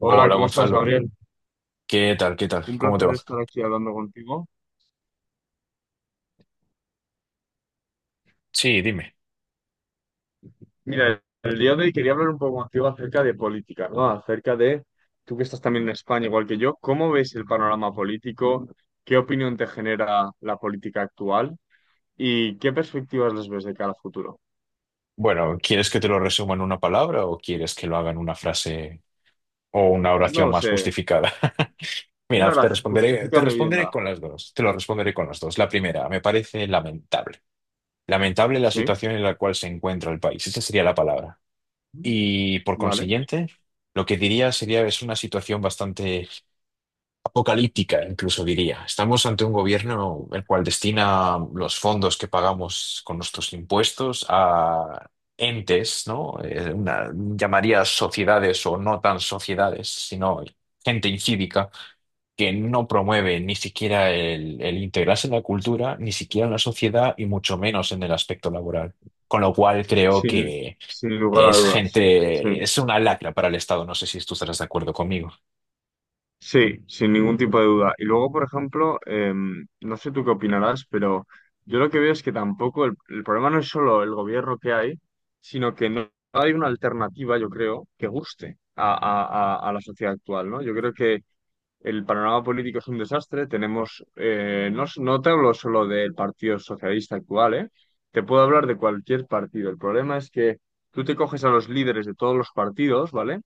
Hola, Hola ¿cómo estás, Gonzalo, Gabriel? ¿qué tal? Un ¿Cómo te placer va? estar aquí hablando contigo. Sí, dime. Mira, el día de hoy quería hablar un poco contigo acerca de política, ¿no? Acerca de, tú que estás también en España, igual que yo, ¿cómo ves el panorama político? ¿Qué opinión te genera la política actual? ¿Y qué perspectivas les ves de cara al futuro? Bueno, ¿quieres que te lo resuma en una palabra o quieres que lo haga en una frase o una No oración lo más sé. justificada? Mira, Una te gracia, responderé, te justifícame bien responderé la... con las dos, te lo responderé con las dos. La primera, me parece lamentable. Lamentable la ¿Sí? situación en la cual se encuentra el país, esa sería la palabra. Y por ¿Vale? consiguiente, lo que diría sería es una situación bastante apocalíptica, incluso diría. Estamos ante un gobierno el cual destina los fondos que pagamos con nuestros impuestos a entes, ¿no? Llamaría sociedades o no tan sociedades, sino gente incívica que no promueve ni siquiera el integrarse en la cultura, ni siquiera en la sociedad y mucho menos en el aspecto laboral. Con lo cual creo Sin, que sin lugar a es dudas. Sí. gente, es una lacra para el Estado. No sé si tú estarás de acuerdo conmigo. Sí, sin ningún tipo de duda. Y luego, por ejemplo, no sé tú qué opinarás, pero yo lo que veo es que tampoco el problema no es solo el gobierno que hay, sino que no hay una alternativa, yo creo, que guste a, a la sociedad actual, ¿no? Yo creo que el panorama político es un desastre. Tenemos, no, no te hablo solo del Partido Socialista actual, ¿eh? Te puedo hablar de cualquier partido. El problema es que tú te coges a los líderes de todos los partidos, ¿vale?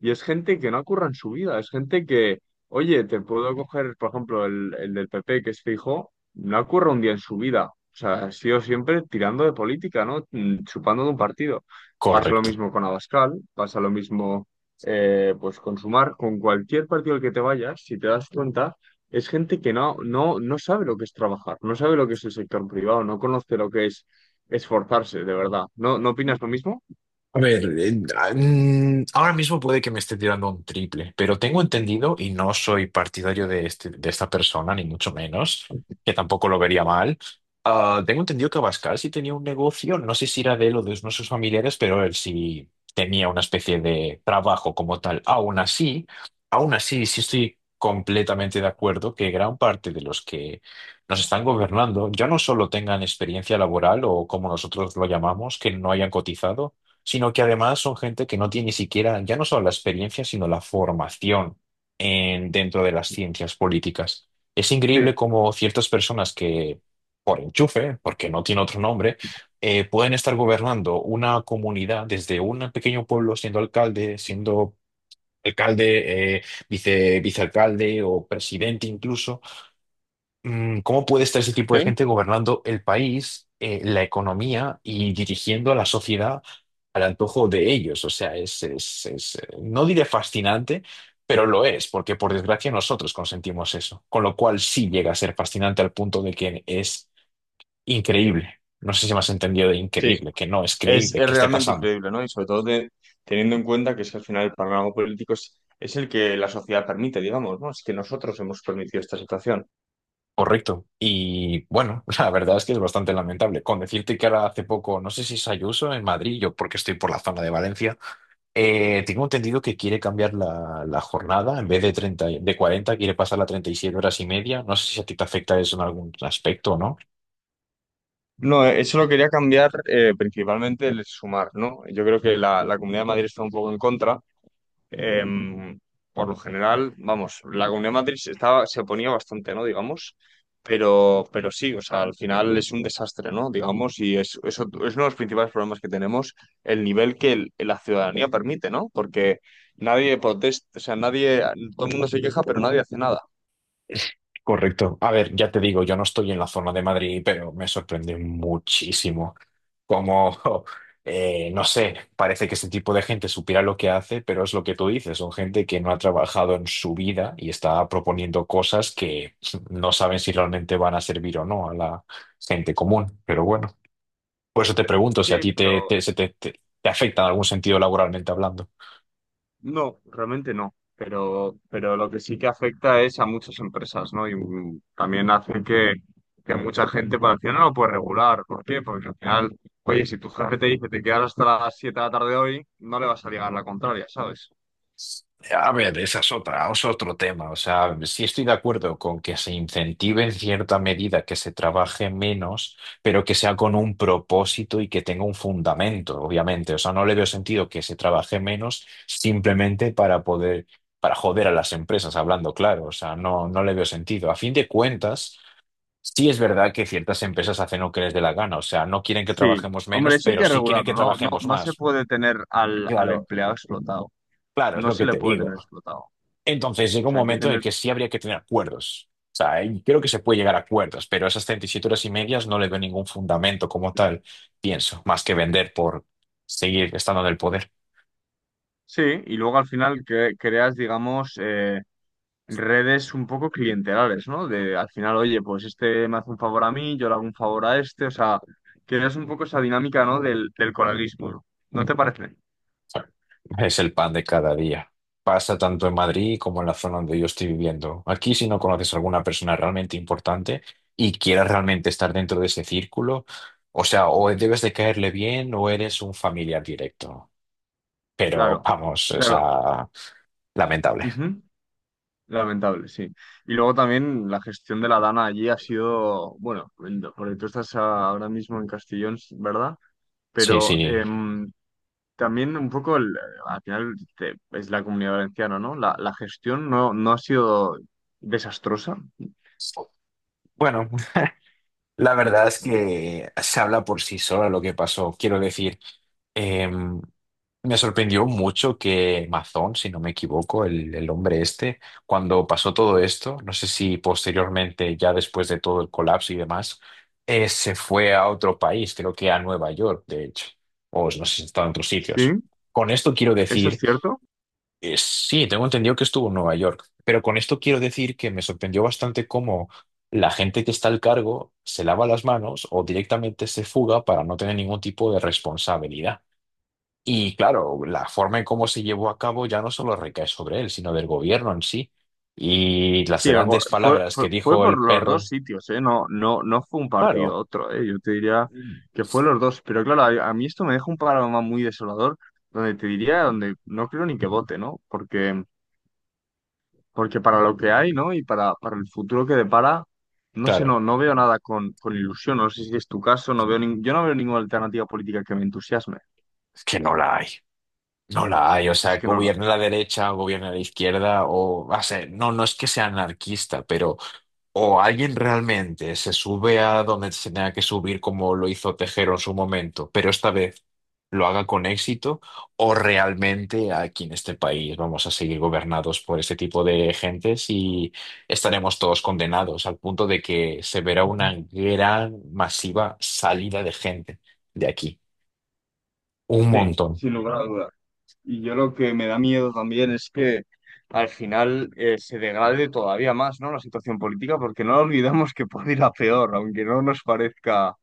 Y es gente que no curra en su vida. Es gente que, oye, te puedo coger, por ejemplo, el del PP, que es fijo, no curra un día en su vida. O sea, ha sido siempre tirando de política, ¿no? Chupando de un partido. Pasa lo Correcto. mismo con Abascal, pasa lo mismo pues consumar con cualquier partido al que te vayas, si te das cuenta, es gente que no sabe lo que es trabajar, no sabe lo que es el sector privado, no conoce lo que es esforzarse, de verdad. ¿No, no opinas lo mismo? A ver, ahora mismo puede que me esté tirando un triple, pero tengo entendido, y no soy partidario de, de esta persona, ni mucho menos, que tampoco lo vería mal. Tengo entendido que Abascal sí tenía un negocio, no sé si era de él o de uno de sus familiares, pero él sí tenía una especie de trabajo como tal. Aún así, sí estoy completamente de acuerdo que gran parte de los que nos están gobernando ya no solo tengan experiencia laboral o como nosotros lo llamamos, que no hayan cotizado sino que además son gente que no tiene ni siquiera, ya no solo la experiencia, sino la formación en, dentro de las ciencias políticas. Es increíble Sí, cómo ciertas personas que, por enchufe, porque no tiene otro nombre, pueden estar gobernando una comunidad desde un pequeño pueblo, siendo alcalde, alcalde, eh, vicealcalde o presidente incluso. ¿Cómo puede estar ese tipo de sí, gente gobernando el país, la economía y dirigiendo a la sociedad al antojo de ellos? O sea, no diré fascinante, pero lo es, porque por desgracia nosotros consentimos eso. Con lo cual sí llega a ser fascinante al punto de que es increíble. No sé si me has entendido de sí. increíble, que no es creíble Es que esté realmente pasando. increíble, ¿no? Y sobre todo teniendo en cuenta que es que al final el panorama político es el que la sociedad permite, digamos, ¿no? Es que nosotros hemos permitido esta situación. Correcto. Y bueno, la verdad es que es bastante lamentable. Con decirte que ahora hace poco, no sé si es Ayuso en Madrid, yo porque estoy por la zona de Valencia. Tengo entendido que quiere cambiar la jornada, en vez de 30, de 40, quiere pasar a 37 horas y media. No sé si a ti te afecta eso en algún aspecto, ¿no? No, eso lo quería cambiar principalmente el sumar, ¿no? Yo creo que la Comunidad de Madrid está un poco en contra. Eh, por lo general, vamos, la Comunidad de Madrid se estaba, se oponía bastante, ¿no? Digamos, pero sí, o sea, al final es un desastre, ¿no? Digamos, y es, eso es uno de los principales problemas que tenemos, el nivel que la ciudadanía permite, ¿no? Porque nadie protesta, o sea, nadie, todo el mundo se queja, pero nadie hace nada. Correcto. A ver, ya te digo, yo no estoy en la zona de Madrid, pero me sorprende muchísimo cómo, no sé, parece que este tipo de gente supiera lo que hace, pero es lo que tú dices, son gente que no ha trabajado en su vida y está proponiendo cosas que no saben si realmente van a servir o no a la gente común, pero bueno. Por eso te pregunto si a Sí, ti te, pero te, se te, te- te afecta en algún sentido laboralmente hablando. no, realmente no. Pero lo que sí que afecta es a muchas empresas, ¿no? Y también hace que mucha gente para el final no lo puede regular. ¿Por qué? Porque al final, oye, si tu jefe te dice te quedas hasta las 7 de la tarde hoy, no le vas a ligar la contraria, ¿sabes? A ver, esa es otra, es otro tema. O sea, sí estoy de acuerdo con que se incentive en cierta medida que se trabaje menos, pero que sea con un propósito y que tenga un fundamento, obviamente. O sea, no le veo sentido que se trabaje menos simplemente para poder, para joder a las empresas, hablando claro. O sea, no, no le veo sentido. A fin de cuentas. Sí, es verdad que ciertas empresas hacen lo que les dé la gana, o sea, no quieren que Sí. trabajemos Hombre, menos, eso hay pero que sí quieren que regularlo, ¿no? No, trabajemos no se más. puede tener al, al Claro, empleado explotado. claro, es No lo se que le te puede tener digo. explotado. O Entonces llega un sea, hay que momento en el tener... que sí habría que tener acuerdos. O sea, y creo que se puede llegar a acuerdos, pero esas 37,5 horas no le veo ningún fundamento como tal, pienso, más que vender por seguir estando en el poder. Sí, y luego al final que creas, digamos, redes un poco clientelares, ¿no? De al final, oye, pues este me hace un favor a mí, yo le hago un favor a este, o sea, creas un poco esa dinámica, ¿no? Del coleguismo, ¿no? ¿No te parece? Es el pan de cada día. Pasa tanto en Madrid como en la zona donde yo estoy viviendo. Aquí, si no conoces a alguna persona realmente importante y quieras realmente estar dentro de ese círculo, o sea, o debes de caerle bien o eres un familiar directo. Pero Claro, vamos, o claro. sea, lamentable. Ujú. Lamentable, sí. Y luego también la gestión de la Dana allí ha sido, bueno, porque tú estás ahora mismo en Castellón, ¿verdad? Sí, Pero sí. También un poco, al final es la comunidad valenciana, ¿no? La gestión no, no ha sido desastrosa. Bueno, la verdad es que se habla por sí sola lo que pasó. Quiero decir, Em, me sorprendió mucho que Mazón, si no me equivoco, el hombre este, cuando pasó todo esto, no sé si posteriormente, ya después de todo el colapso y demás, se fue a otro país, creo que a Nueva York, de hecho, o no sé si está en otros sitios. Sí. Con esto quiero Eso es decir, cierto. Sí, tengo entendido que estuvo en Nueva York, pero con esto quiero decir que me sorprendió bastante cómo la gente que está al cargo se lava las manos o directamente se fuga para no tener ningún tipo de responsabilidad. Y claro, la forma en cómo se llevó a cabo ya no solo recae sobre él, sino del gobierno en sí. Y las Sí, grandes fue, palabras fue, que fue dijo por el los dos perro, sitios, ¿eh? No, no, no fue un partido claro, otro, ¿eh? Yo te diría que fue los dos. Pero claro, a mí esto me deja un panorama muy desolador, donde te diría, donde no creo ni que vote, ¿no? Porque, porque para lo que hay, ¿no? Y para el futuro que depara, no sé, claro, no, no veo nada con, con ilusión. No sé si es tu caso, no veo yo no veo ninguna alternativa política que me entusiasme. es que no la hay. No la hay, o Es sea, que no la gobierna veo. la derecha, gobierna la izquierda, o sea, no, no es que sea anarquista, pero o alguien realmente se sube a donde se tenga que subir como lo hizo Tejero en su momento, pero esta vez lo haga con éxito, o realmente aquí en este país vamos a seguir gobernados por este tipo de gentes y estaremos todos condenados al punto de que se verá una gran masiva salida de gente de aquí. Un Sí, montón. sin lugar a dudas. Y yo lo que me da miedo también es que al final se degrade todavía más, ¿no? La situación política, porque no olvidamos que puede ir a peor, aunque no nos parezca,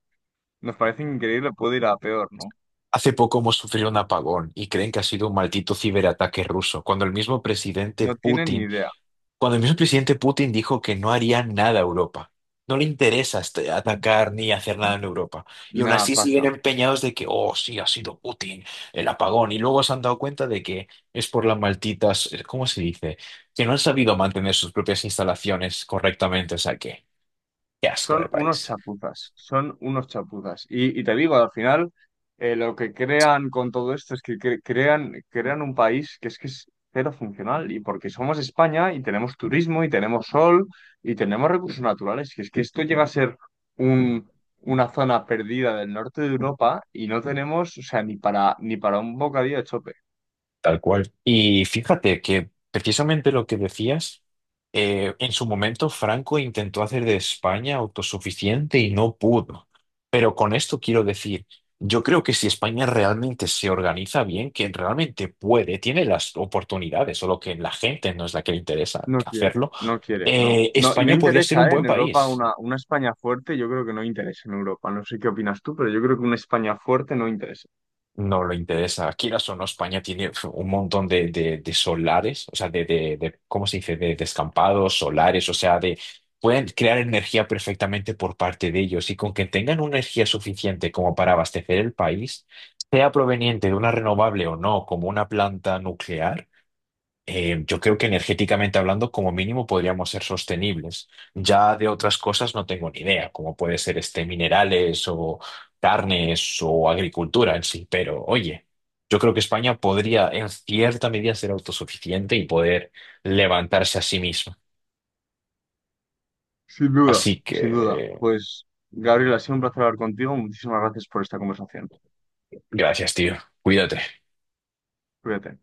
nos parece increíble, puede ir a peor, ¿no? Hace poco hemos sufrido un apagón y creen que ha sido un maldito ciberataque ruso, No tienen ni idea. Cuando el mismo presidente Putin dijo que no haría nada a Europa. No le interesa Mm. atacar ni hacer nada en Europa. Y aún Nada, así siguen pasa. empeñados de que, oh, sí, ha sido Putin, el apagón. Y luego se han dado cuenta de que es por las malditas, ¿cómo se dice? Que no han sabido mantener sus propias instalaciones correctamente. O sea que, qué asco Son de unos país. chapuzas, son unos chapuzas. Y te digo, al final, lo que crean con todo esto es que crean, crean un país que es cero funcional. Y porque somos España y tenemos turismo y tenemos sol y tenemos recursos naturales, que es que esto llega a ser un, una zona perdida del norte de Europa y no tenemos, o sea, ni para, ni para un bocadillo de chope. Tal cual. Y fíjate que precisamente lo que decías, en su momento Franco intentó hacer de España autosuficiente y no pudo. Pero con esto quiero decir, yo creo que si España realmente se organiza bien, que realmente puede, tiene las oportunidades, solo que la gente no es la que le interesa No quiere, hacerlo, no quiere, no. No, y no España podría ser un interesa, ¿eh? buen En Europa país. una España fuerte, yo creo que no interesa en Europa. No sé qué opinas tú, pero yo creo que una España fuerte no interesa. No le interesa. Quieras o no, España tiene uf, un montón de solares, o sea, ¿cómo se dice? De descampados, solares, o sea, pueden crear energía perfectamente por parte de ellos y con que tengan una energía suficiente como para abastecer el país, sea proveniente de una renovable o no, como una planta nuclear, yo creo que energéticamente hablando, como mínimo, podríamos ser sostenibles. Ya de otras cosas no tengo ni idea, como puede ser minerales o carnes o agricultura en sí, pero oye, yo creo que España podría en cierta medida ser autosuficiente y poder levantarse a sí misma. Sin duda, Así sin duda. que, Pues, Gabriel, ha sido un placer hablar contigo. Muchísimas gracias por esta conversación. gracias, tío. Cuídate. Cuídate.